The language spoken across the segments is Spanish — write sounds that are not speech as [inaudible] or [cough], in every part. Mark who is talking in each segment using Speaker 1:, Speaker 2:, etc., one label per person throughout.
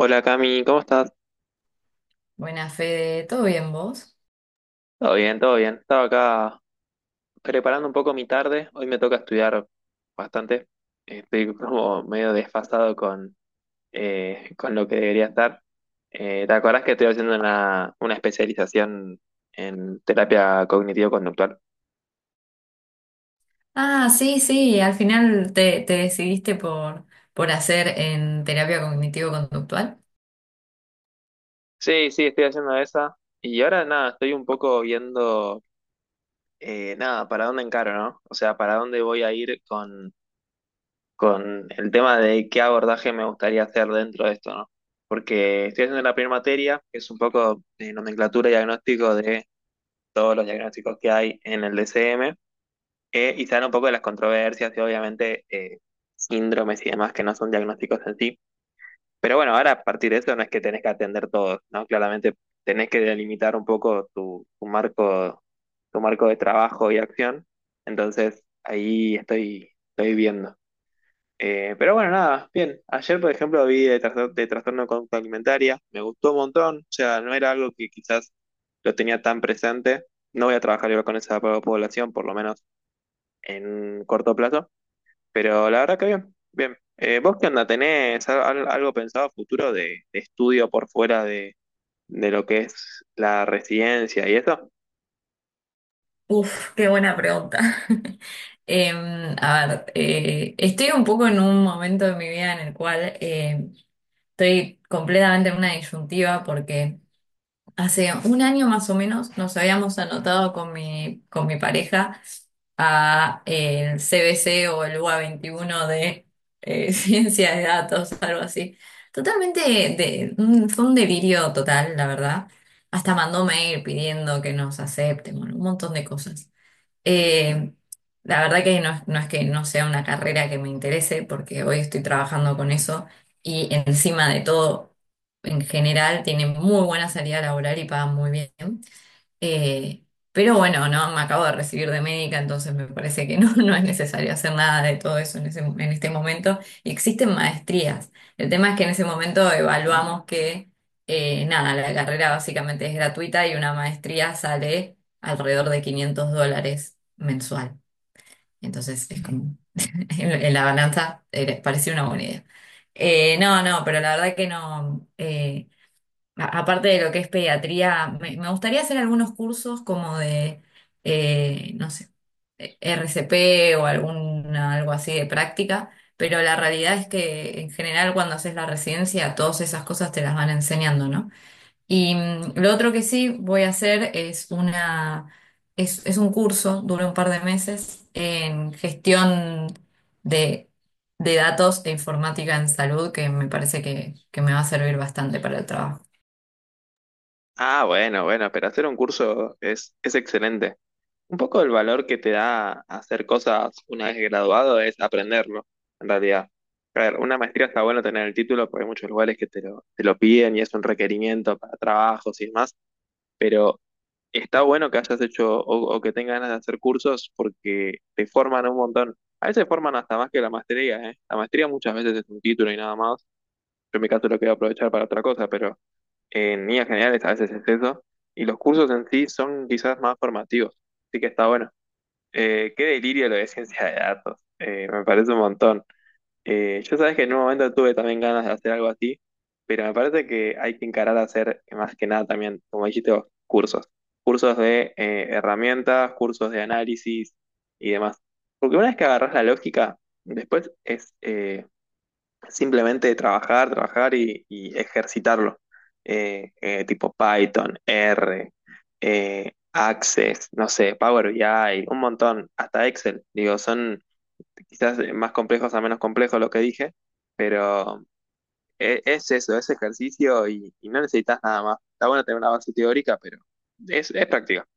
Speaker 1: Hola Cami, ¿cómo estás?
Speaker 2: Buena Fede, ¿todo bien vos?
Speaker 1: Todo bien, todo bien. Estaba acá preparando un poco mi tarde. Hoy me toca estudiar bastante. Estoy como medio desfasado con lo que debería estar. ¿Te acordás que estoy haciendo una especialización en terapia cognitivo-conductual?
Speaker 2: Ah, sí, sí, al final te decidiste por hacer en terapia cognitivo-conductual.
Speaker 1: Sí, sí, estoy haciendo esa. Y ahora nada, estoy un poco viendo, nada, para dónde encaro, ¿no? O sea, para dónde voy a ir con el tema de qué abordaje me gustaría hacer dentro de esto, ¿no? Porque estoy haciendo la primera materia, que es un poco de nomenclatura y diagnóstico de todos los diagnósticos que hay en el DCM, y se habla un poco de las controversias y obviamente síndromes y demás que no son diagnósticos en sí. Pero bueno, ahora a partir de eso no es que tenés que atender todos, ¿no? Claramente tenés que delimitar un poco tu marco de trabajo y acción. Entonces, ahí estoy viendo. Pero bueno, nada, bien. Ayer, por ejemplo, de trastorno de conducta alimentaria, me gustó un montón, o sea, no era algo que quizás lo tenía tan presente. No voy a trabajar igual con población, por lo menos en corto plazo, pero la verdad que bien, bien. ¿Vos qué onda? ¿Tenés algo pensado a futuro de estudio por fuera de lo que es la residencia y eso?
Speaker 2: Uf, qué buena pregunta. [laughs] A ver, estoy un poco en un momento de mi vida en el cual estoy completamente en una disyuntiva porque hace un año más o menos nos habíamos anotado con mi pareja a el CBC o el UA 21 de [laughs] ciencia de datos, algo así. Totalmente, fue un delirio total, la verdad. Hasta mandó mail pidiendo que nos acepten, bueno, un montón de cosas. Eh, la verdad que no, no es que no sea una carrera que me interese, porque hoy estoy trabajando con eso y encima de todo, en general, tiene muy buena salida laboral y pagan muy bien. Eh, pero bueno, no, me acabo de recibir de médica, entonces me parece que no, [laughs] no es necesario hacer nada de todo eso en ese, en este momento. Y existen maestrías. El tema es que en ese momento evaluamos que, nada, la carrera básicamente es gratuita y una maestría sale alrededor de $500 mensual. Entonces es como, [laughs] en la balanza, parecía una buena idea. No, no, pero la verdad que no. Aparte de lo que es pediatría, me gustaría hacer algunos cursos como de, no sé, RCP o algún, algo así de práctica, pero la realidad es que en general cuando haces la residencia todas esas cosas te las van enseñando, ¿no? Y lo otro que sí voy a hacer es un curso, dura un par de meses, en gestión de, de datos e informática en salud, que me parece que me va a servir bastante para el trabajo.
Speaker 1: Ah, bueno, bueno, pero hacer un curso es excelente. Un poco el valor que te da hacer cosas una vez graduado es aprenderlo, en realidad. A ver, una maestría está bueno tener el título porque hay muchos lugares que te te lo piden y es un requerimiento para trabajos y demás, pero está bueno que hayas hecho o que tengas ganas de hacer cursos porque te forman un montón. A veces forman hasta más que la maestría, ¿eh? La maestría muchas veces es un título y nada más. Yo en mi caso lo quiero aprovechar para otra cosa, pero en líneas generales a veces es eso. Y los cursos en sí son quizás más formativos, así que está bueno. Qué delirio lo de ciencia de datos. Me parece un montón. Yo sabes que en un momento tuve también ganas de hacer algo así, pero me parece que hay que encarar a hacer más que nada también, como dijiste vos, cursos. Cursos de herramientas, cursos de análisis y demás. Porque una vez que agarras la lógica, después es simplemente trabajar, trabajar y ejercitarlo. Tipo Python, R, Access, no sé, Power BI, un montón, hasta Excel. Digo, son quizás más complejos a menos complejos lo que dije, pero es eso, es ejercicio y no necesitas nada más. Está bueno tener una base teórica, pero es práctica.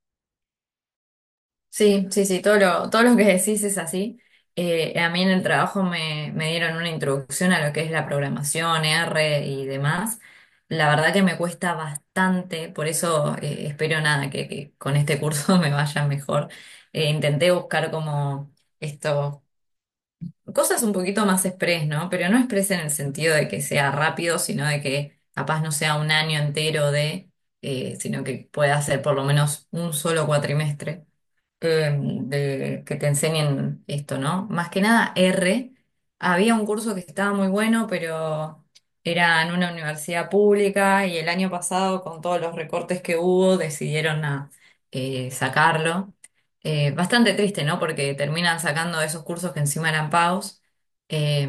Speaker 2: Sí, sí, sí, todo lo que decís es así. A mí en el trabajo me dieron una introducción a lo que es la programación, R y demás. La verdad que me cuesta bastante, por eso espero nada, que con este curso [laughs] me vaya mejor. Intenté buscar como esto, cosas un poquito más express, ¿no? Pero no express en el sentido de que sea rápido, sino de que capaz no sea un año entero de, sino que pueda ser por lo menos un solo cuatrimestre eh, de que te enseñen esto, ¿no? Más que nada R. Había un curso que estaba muy bueno, pero era en una universidad pública y el año pasado, con todos los recortes que hubo, decidieron sacarlo. Bastante triste, ¿no? Porque terminan sacando esos cursos que encima eran pagos eh,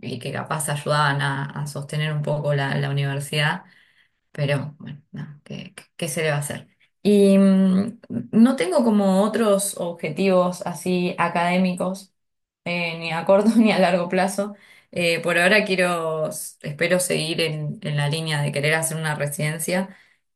Speaker 2: y que capaz ayudaban a sostener un poco la universidad. Pero bueno, no, ¿qué se le va a hacer? Y no tengo como otros objetivos así académicos, ni a corto [laughs] ni a largo plazo. Por ahora quiero, espero seguir en la línea de querer hacer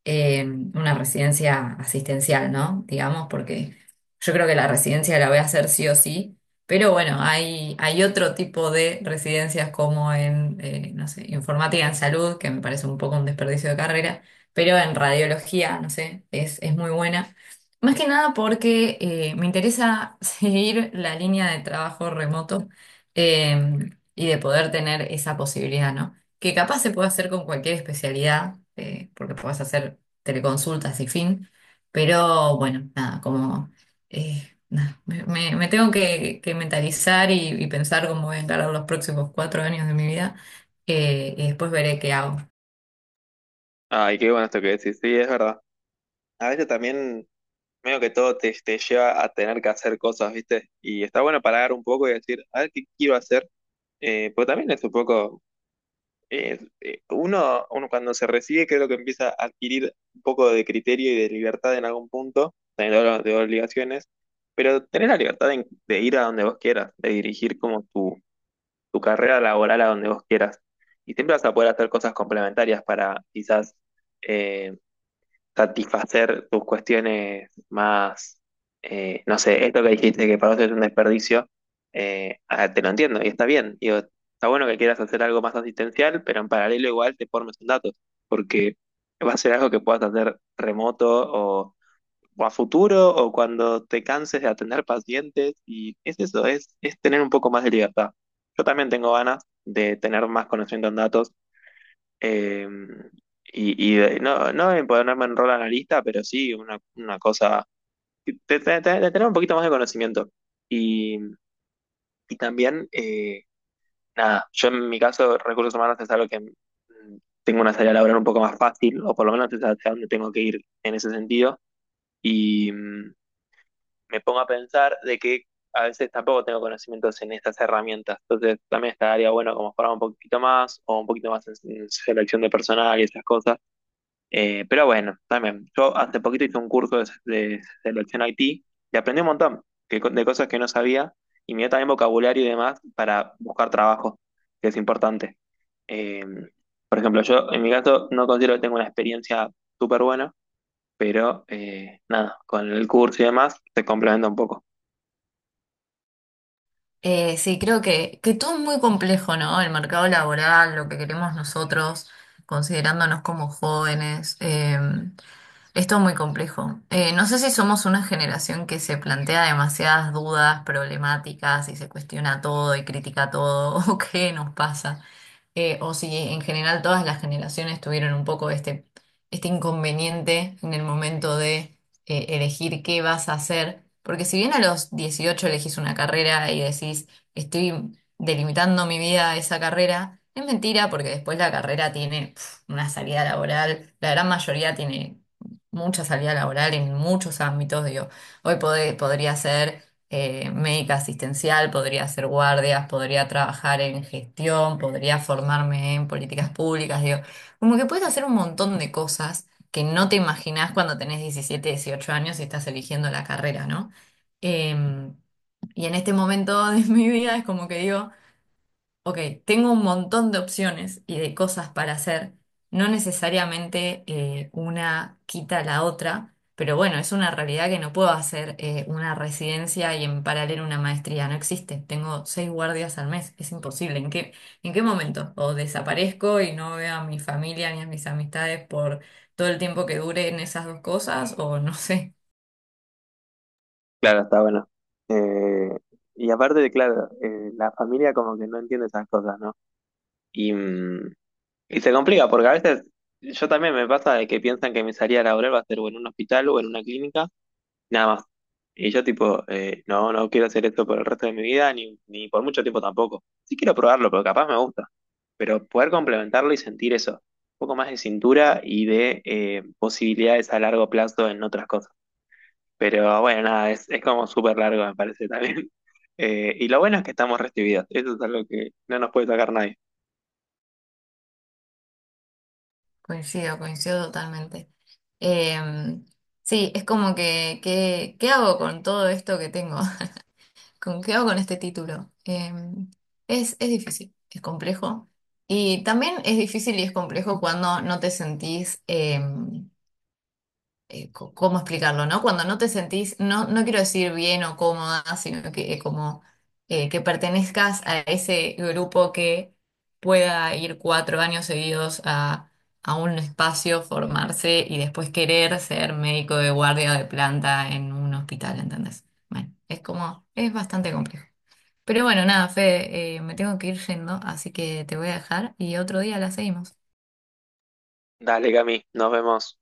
Speaker 2: eh, una residencia asistencial, ¿no? Digamos, porque yo creo que la residencia la voy a hacer sí o sí. Pero bueno, hay otro tipo de residencias como en, no sé, informática en salud, que me parece un poco un desperdicio de carrera, pero en radiología, no sé, es muy buena. Más que nada porque me interesa [laughs] seguir la línea de trabajo remoto eh, y de poder tener esa posibilidad, ¿no? Que capaz se puede hacer con cualquier especialidad, porque puedes hacer teleconsultas y fin, pero bueno, nada, como nada, me tengo que mentalizar y pensar cómo voy a encarar los próximos 4 años de mi vida y después veré qué hago.
Speaker 1: Ay, qué bueno esto que decís, sí, es verdad. A veces también medio que todo te lleva a tener que hacer cosas, ¿viste? Y está bueno parar un poco y decir, a ver qué quiero hacer, porque también es un poco, uno cuando se recibe creo que empieza a adquirir un poco de criterio y de libertad en algún punto, también hablo de obligaciones, pero tener la libertad de ir a donde vos quieras, de dirigir como tu carrera laboral a donde vos quieras. Y siempre vas a poder hacer cosas complementarias para quizás eh, satisfacer tus cuestiones más, no sé, esto que dijiste que para vos es un desperdicio, te lo entiendo y está bien. Digo, está bueno que quieras hacer algo más asistencial, pero en paralelo igual te formes en datos, porque va a ser algo que puedas hacer remoto o a futuro o cuando te canses de atender pacientes y es eso, es tener un poco más de libertad. Yo también tengo ganas de tener más conocimiento en datos eh, y no, no en ponerme en rol analista, pero sí una cosa de, de tener un poquito más de conocimiento. Y, y también, nada, yo en mi caso, recursos humanos es algo que mm, tengo una salida laboral un poco más fácil, o por lo menos es hacia dónde tengo que ir en ese sentido. Y mm, me pongo a pensar de que a veces tampoco tengo conocimientos en estas herramientas. Entonces también estaría bueno como formar un poquito más, o un poquito más en selección de personal y esas cosas. Pero bueno, también, yo hace poquito hice un curso de selección IT y aprendí un montón que de cosas que no sabía y me dio también vocabulario y demás para buscar trabajo, que es importante. Eh, por ejemplo, yo en mi caso no considero que tenga una experiencia súper buena, pero nada, con el curso y demás te complementa un poco.
Speaker 2: Sí, creo que todo es muy complejo, ¿no? El mercado laboral, lo que queremos nosotros, considerándonos como jóvenes, es todo muy complejo. No sé si somos una generación que se plantea demasiadas dudas, problemáticas y se cuestiona todo y critica todo, [laughs] o qué nos pasa. O si en general todas las generaciones tuvieron un poco este inconveniente en el momento de elegir qué vas a hacer, porque si bien a los 18 elegís una carrera y decís, estoy delimitando mi vida a esa carrera, es mentira porque después la carrera tiene una salida laboral, la gran mayoría tiene mucha salida laboral en muchos ámbitos, digo, hoy podría ser médica asistencial, podría hacer guardias, podría trabajar en gestión, podría formarme en políticas públicas, digo, como que puedes hacer un montón de cosas que no te imaginás cuando tenés 17 18 años y estás eligiendo la carrera, ¿no? Em, y en este momento de [laughs] mi vida es como que digo, Ok, tengo un montón de opciones y de cosas para hacer. No necesariamente una quita la otra, pero bueno, es una realidad que no puedo hacer una residencia y en paralelo una maestría. No existe. Tengo seis guardias al mes. Es imposible. ¿En qué momento? O desaparezco y no veo a mi familia ni a mis amistades por todo el tiempo que duren esas dos cosas, o no sé.
Speaker 1: Claro, está bueno. Eh, y aparte de, claro, la familia como que no entiende esas cosas, ¿no? Y, mm, y se complica porque a veces yo también me pasa de que piensan que mi salida laboral va a ser o en un hospital o en una clínica, nada más. Y yo tipo, no, no quiero hacer esto por el resto de mi vida, ni, ni por mucho tiempo tampoco. Sí quiero probarlo, porque capaz me gusta. Pero poder complementarlo y sentir eso, un poco más de cintura y de posibilidades a largo plazo en otras cosas. Pero bueno, nada, es como súper largo, me parece también. [laughs] Y lo bueno es que estamos recibidos. Eso es algo que no nos puede sacar nadie.
Speaker 2: Coincido, coincido totalmente. Em, sí, es como ¿qué hago con todo esto que tengo? [laughs] ¿Con qué hago con este título? Es difícil, es complejo. Y también es difícil y es complejo cuando no te sentís ¿cómo explicarlo, no? Cuando no te sentís, no, no quiero decir bien o cómoda, sino que como que pertenezcas a ese grupo que pueda ir 4 años seguidos a un espacio, formarse y después querer ser médico de guardia de planta en un hospital, ¿entendés? Bueno, es como, es bastante complejo. Pero bueno, nada, Fede, me tengo que ir yendo, así que te voy a dejar y otro día la seguimos.
Speaker 1: Dale, Cami, nos vemos.